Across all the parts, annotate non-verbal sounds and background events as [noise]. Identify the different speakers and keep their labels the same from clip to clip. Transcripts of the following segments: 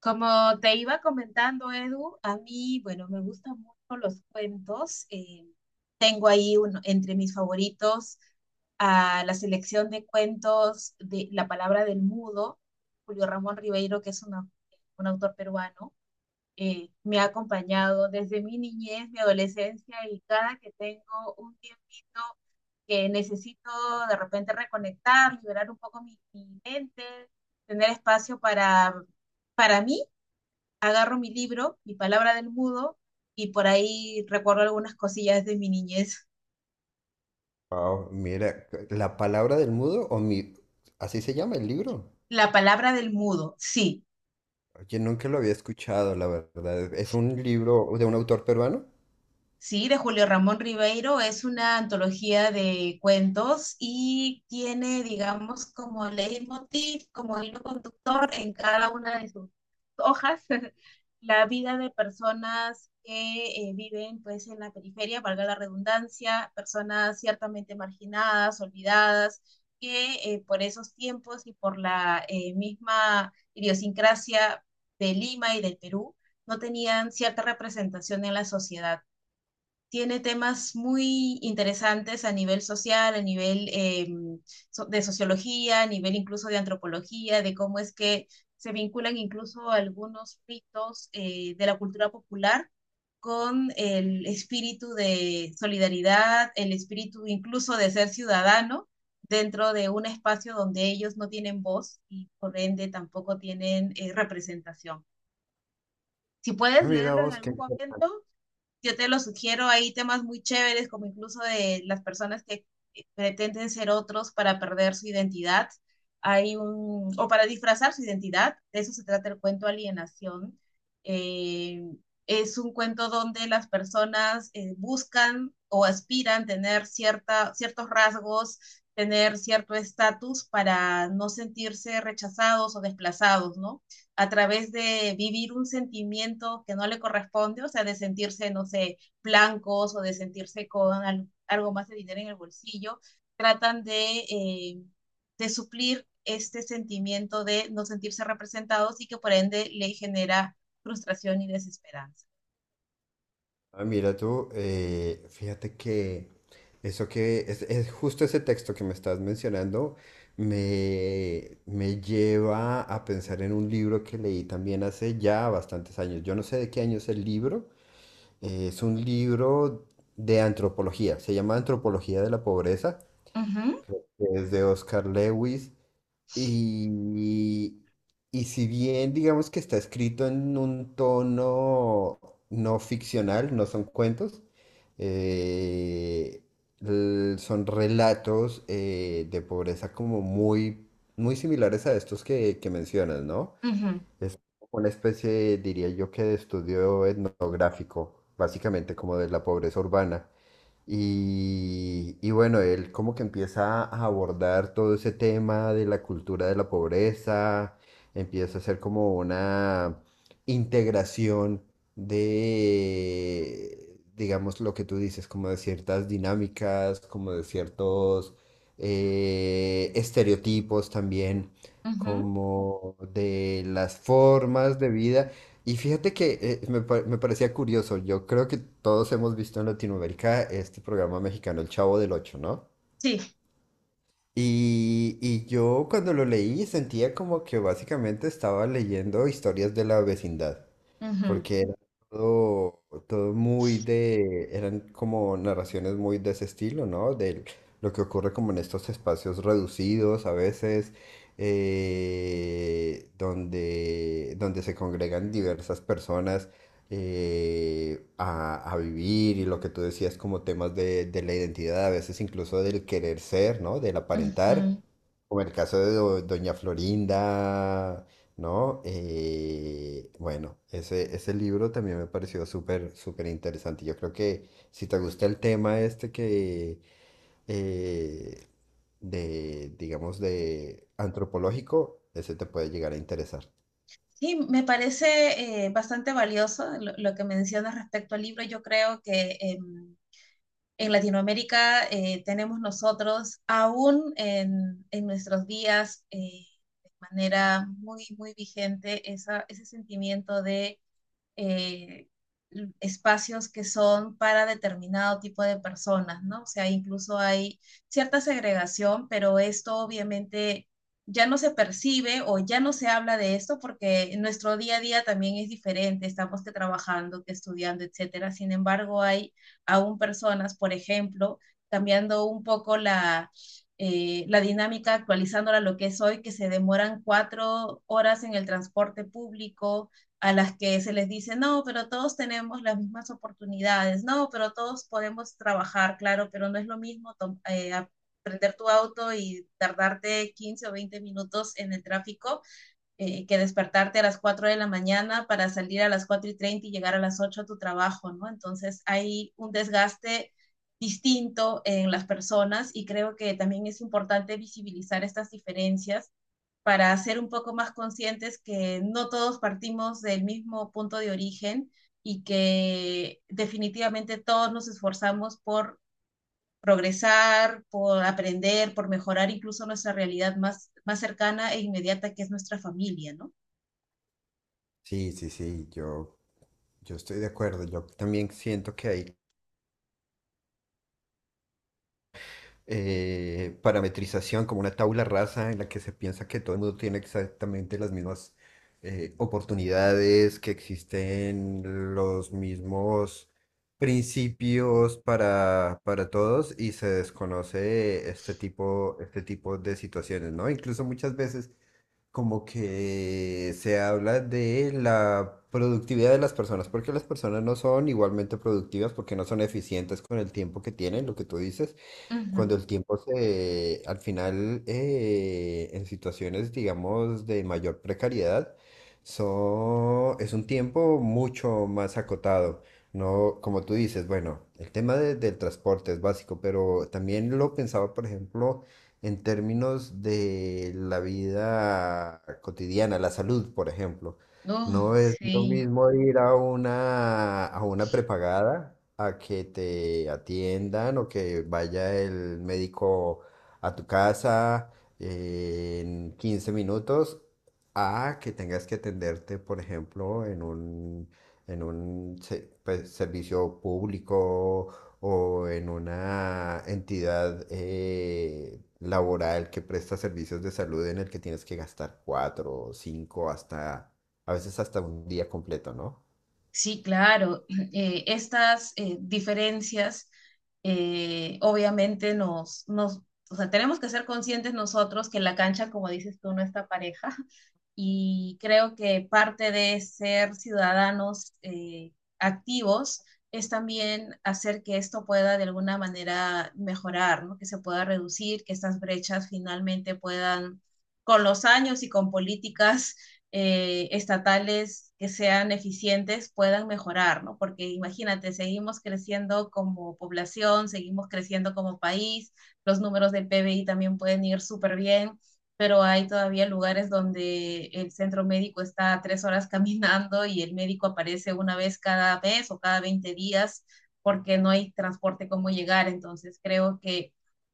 Speaker 1: Como te iba comentando, Edu, a mí, bueno, me gustan mucho los cuentos. Tengo ahí uno, entre mis favoritos a la selección de cuentos de La palabra del mudo, Julio Ramón Ribeiro, que es un autor peruano. Me ha acompañado desde mi niñez, mi adolescencia, y cada que tengo un tiempito que necesito de repente reconectar, liberar un poco mi mente, tener espacio para mí, agarro mi libro, mi palabra del mudo, y por ahí recuerdo algunas cosillas de mi niñez.
Speaker 2: Wow, mira, la palabra del mudo o mi, así se llama el libro.
Speaker 1: La palabra del mudo, sí.
Speaker 2: Oye, nunca lo había escuchado, la verdad. Es un libro de un autor peruano.
Speaker 1: Sí, de Julio Ramón Ribeiro. Es una antología de cuentos y tiene, digamos, como leitmotiv, como hilo conductor en cada una de sus hojas, [laughs] la vida de personas que viven pues en la periferia, valga la redundancia, personas ciertamente marginadas, olvidadas, que por esos tiempos y por la misma idiosincrasia de Lima y del Perú, no tenían cierta representación en la sociedad. Tiene temas muy interesantes a nivel social, a nivel de sociología, a nivel incluso de antropología, de cómo es que se vinculan incluso algunos ritos de la cultura popular con el espíritu de solidaridad, el espíritu incluso de ser ciudadano dentro de un espacio donde ellos no tienen voz y por ende tampoco tienen representación. Si
Speaker 2: Ah,
Speaker 1: puedes
Speaker 2: mira
Speaker 1: leerlo en
Speaker 2: vos, qué...
Speaker 1: algún momento, yo te lo sugiero, hay temas muy chéveres, como incluso de las personas que pretenden ser otros para perder su identidad, hay un, o para disfrazar su identidad, de eso se trata el cuento Alienación. Eh, es un cuento donde las personas buscan o aspiran tener cierta, ciertos rasgos, tener cierto estatus para no sentirse rechazados o desplazados, ¿no? A través de vivir un sentimiento que no le corresponde, o sea, de sentirse, no sé, blancos o de sentirse con algo más de dinero en el bolsillo, tratan de suplir este sentimiento de no sentirse representados y que por ende le genera frustración y desesperanza.
Speaker 2: Ah, mira tú, fíjate que eso que es, justo ese texto que me estás mencionando me lleva a pensar en un libro que leí también hace ya bastantes años. Yo no sé de qué año es el libro. Es un libro de antropología. Se llama Antropología de la Pobreza.
Speaker 1: Uh -huh,
Speaker 2: Es de Oscar Lewis. Y, y si bien digamos que está escrito en un tono no ficcional, no son cuentos, eh, son relatos de pobreza como muy, muy similares a estos que mencionas, ¿no? Es una especie, diría yo, que de estudio etnográfico, básicamente como de la pobreza urbana. Y bueno, él como que empieza a abordar todo ese tema de la cultura de la pobreza, empieza a hacer como una integración de, digamos, lo que tú dices, como de ciertas dinámicas, como de ciertos estereotipos también,
Speaker 1: uh
Speaker 2: como de las formas de vida. Y fíjate que me parecía curioso, yo creo que todos hemos visto en Latinoamérica este programa mexicano El Chavo del Ocho, ¿no?
Speaker 1: sí
Speaker 2: Y yo cuando lo leí sentía como que básicamente estaba leyendo historias de la vecindad,
Speaker 1: uh -huh.
Speaker 2: porque era todo, todo muy de, eran como narraciones muy de ese estilo, ¿no? De lo que ocurre como en estos espacios reducidos a veces, donde se congregan diversas personas a vivir y lo que tú decías como temas de la identidad, a veces incluso del querer ser, ¿no? Del aparentar,
Speaker 1: Sí,
Speaker 2: como el caso de Doña Florinda, ¿no? Bueno, ese libro también me pareció súper, súper interesante. Yo creo que si te gusta el tema este que... eh, digamos, de antropológico, ese te puede llegar a interesar.
Speaker 1: sí, me parece bastante valioso lo que mencionas respecto al libro. Yo creo que... En Latinoamérica tenemos nosotros aún en nuestros días de manera muy, muy vigente ese sentimiento de eh, espacios que son para determinado tipo de personas, ¿no? O sea, incluso hay cierta segregación, pero esto obviamente ya no se percibe o ya no se habla de esto porque nuestro día a día también es diferente, estamos que trabajando, que estudiando, etcétera. Sin embargo, hay aún personas, por ejemplo, cambiando un poco la dinámica, actualizándola a lo que es hoy, que se demoran 4 horas en el transporte público, a las que se les dice, no, pero todos tenemos las mismas oportunidades, no, pero todos podemos trabajar, claro, pero no es lo mismo eh, aprender tu auto y tardarte 15 o 20 minutos en el tráfico que despertarte a las 4 de la mañana para salir a las 4:30 y llegar a las 8 a tu trabajo, ¿no? Entonces hay un desgaste distinto en las personas y creo que también es importante visibilizar estas diferencias para ser un poco más conscientes que no todos partimos del mismo punto de origen y que definitivamente todos nos esforzamos por progresar, por aprender, por mejorar incluso nuestra realidad más, más cercana e inmediata que es nuestra familia, ¿no?
Speaker 2: Sí, sí, sí, yo estoy de acuerdo, yo también siento que hay parametrización como una tabla rasa en la que se piensa que todo el mundo tiene exactamente las mismas oportunidades, que existen los mismos principios para todos y se desconoce este tipo de situaciones, ¿no? Incluso muchas veces como que se habla de la productividad de las personas, porque las personas no son igualmente productivas, porque no son eficientes con el tiempo que tienen, lo que tú dices.
Speaker 1: Ujú.
Speaker 2: Cuando el tiempo se, al final, en situaciones, digamos, de mayor precariedad, es un tiempo mucho más acotado. No, como tú dices, bueno, el tema del transporte es básico, pero también lo pensaba, por ejemplo, en términos de la vida cotidiana, la salud, por ejemplo.
Speaker 1: Oh,
Speaker 2: No es lo
Speaker 1: sí,
Speaker 2: mismo ir a una prepagada a que te atiendan o que vaya el médico a tu casa en 15 minutos a que tengas que atenderte, por ejemplo, en un, pues, servicio público o en una entidad laboral que presta servicios de salud en el que tienes que gastar 4 o 5 hasta a veces hasta un día completo, ¿no?
Speaker 1: sí, claro. [clears throat] Estas diferencias obviamente nos, o sea, tenemos que ser conscientes nosotros que la cancha, como dices tú, no está pareja. [laughs] Y creo que parte de ser ciudadanos activos es también hacer que esto pueda de alguna manera mejorar, ¿no? Que se pueda reducir, que estas brechas finalmente puedan, con los años y con políticas estatales que sean eficientes puedan mejorar, ¿no? Porque imagínate, seguimos creciendo como población, seguimos creciendo como país, los números del PBI también pueden ir súper bien, pero hay todavía lugares donde el centro médico está 3 horas [laughs] caminando y el médico aparece una vez cada mes o cada 20 días porque no hay transporte cómo llegar. Entonces creo que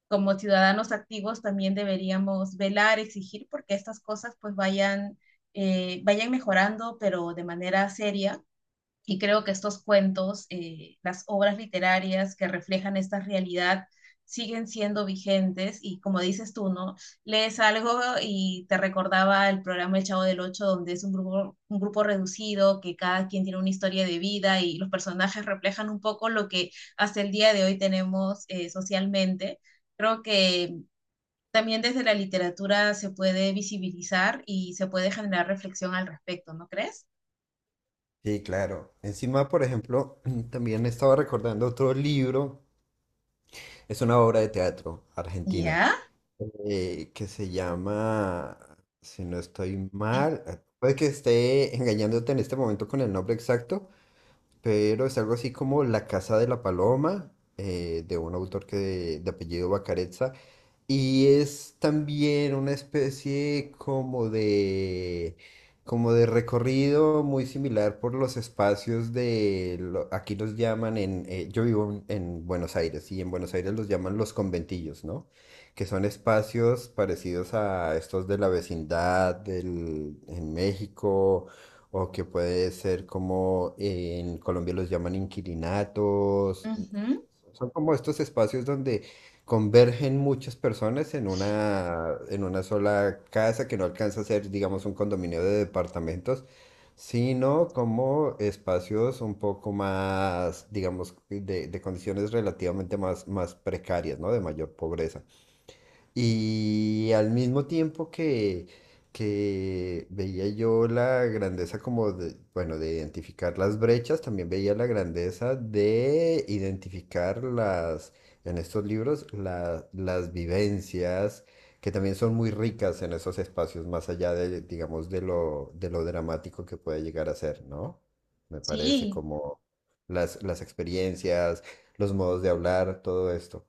Speaker 1: como ciudadanos activos también deberíamos velar, exigir porque estas cosas pues vayan vayan mejorando, pero de manera seria. Y creo que estos cuentos, las obras literarias que reflejan esta realidad, siguen siendo vigentes y como dices tú, ¿no? Lees algo y te recordaba el programa El Chavo del Ocho, donde es un grupo reducido, que cada quien tiene una historia de vida y los personajes reflejan un poco lo que hasta el día de hoy tenemos socialmente. Creo que también desde la literatura se puede visibilizar y se puede generar reflexión al respecto, ¿no crees?
Speaker 2: Sí, claro. Encima, por ejemplo, [clears throat] también estaba recordando otro libro, es una obra de teatro argentina,
Speaker 1: Ya.
Speaker 2: que se llama, si no estoy mal, puede que esté engañándote en este momento con el nombre exacto, pero es algo así como La Casa de la Paloma, de un autor que de, apellido Bacarezza, y es también una especie como de recorrido muy similar por los espacios de, aquí los llaman en, yo vivo en Buenos Aires y en Buenos Aires los llaman los conventillos, ¿no? Que son espacios parecidos a estos de la vecindad del, en México o que puede ser como en Colombia los llaman inquilinatos.
Speaker 1: Ujú.
Speaker 2: Son como estos espacios donde convergen muchas personas en una sola casa que no alcanza a ser, digamos, un condominio de departamentos, sino como espacios un poco más, digamos, de condiciones relativamente más, más precarias, ¿no? De mayor pobreza. Y al mismo tiempo que veía yo la grandeza como de, bueno, de identificar las brechas, también veía la grandeza de identificar las, en estos libros, las vivencias que también son muy ricas en esos espacios, más allá de, digamos, de lo dramático que puede llegar a ser, ¿no? Me parece
Speaker 1: Sí.
Speaker 2: como las experiencias, los modos de hablar, todo esto.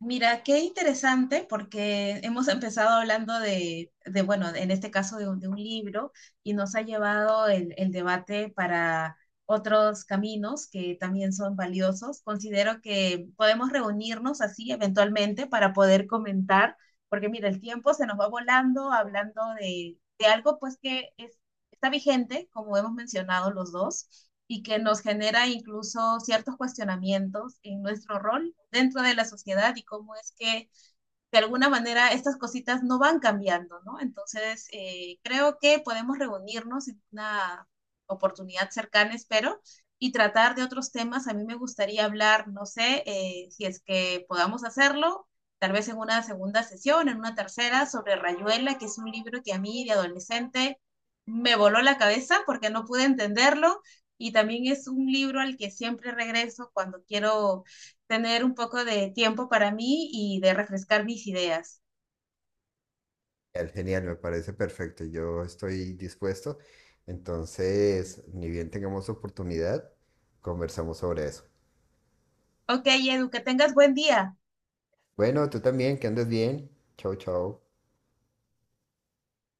Speaker 1: Mira, qué interesante porque hemos empezado hablando de, bueno, en este caso de un libro y nos ha llevado el debate para otros caminos que también son valiosos. Considero que podemos reunirnos así eventualmente para poder comentar, porque mira, el tiempo se nos va volando hablando de algo pues que es- está vigente, como hemos mencionado los dos, y que nos genera incluso ciertos cuestionamientos en nuestro rol dentro de la sociedad y cómo es que de alguna manera estas cositas no van cambiando, ¿no? Entonces, creo que podemos reunirnos en una oportunidad cercana, espero, y tratar de otros temas. A mí me gustaría hablar, no sé, si es que podamos hacerlo, tal vez en una segunda sesión, en una tercera, sobre Rayuela, que es un libro que a mí de adolescente me voló la cabeza porque no pude entenderlo. Y también es un libro al que siempre regreso cuando quiero tener un poco de tiempo para mí y de refrescar mis ideas.
Speaker 2: Genial, genial, me parece perfecto. Yo estoy dispuesto. Entonces, ni bien tengamos oportunidad, conversamos sobre eso.
Speaker 1: Ok, Edu, que tengas buen día.
Speaker 2: Bueno, tú también, que andes bien. Chau, chau.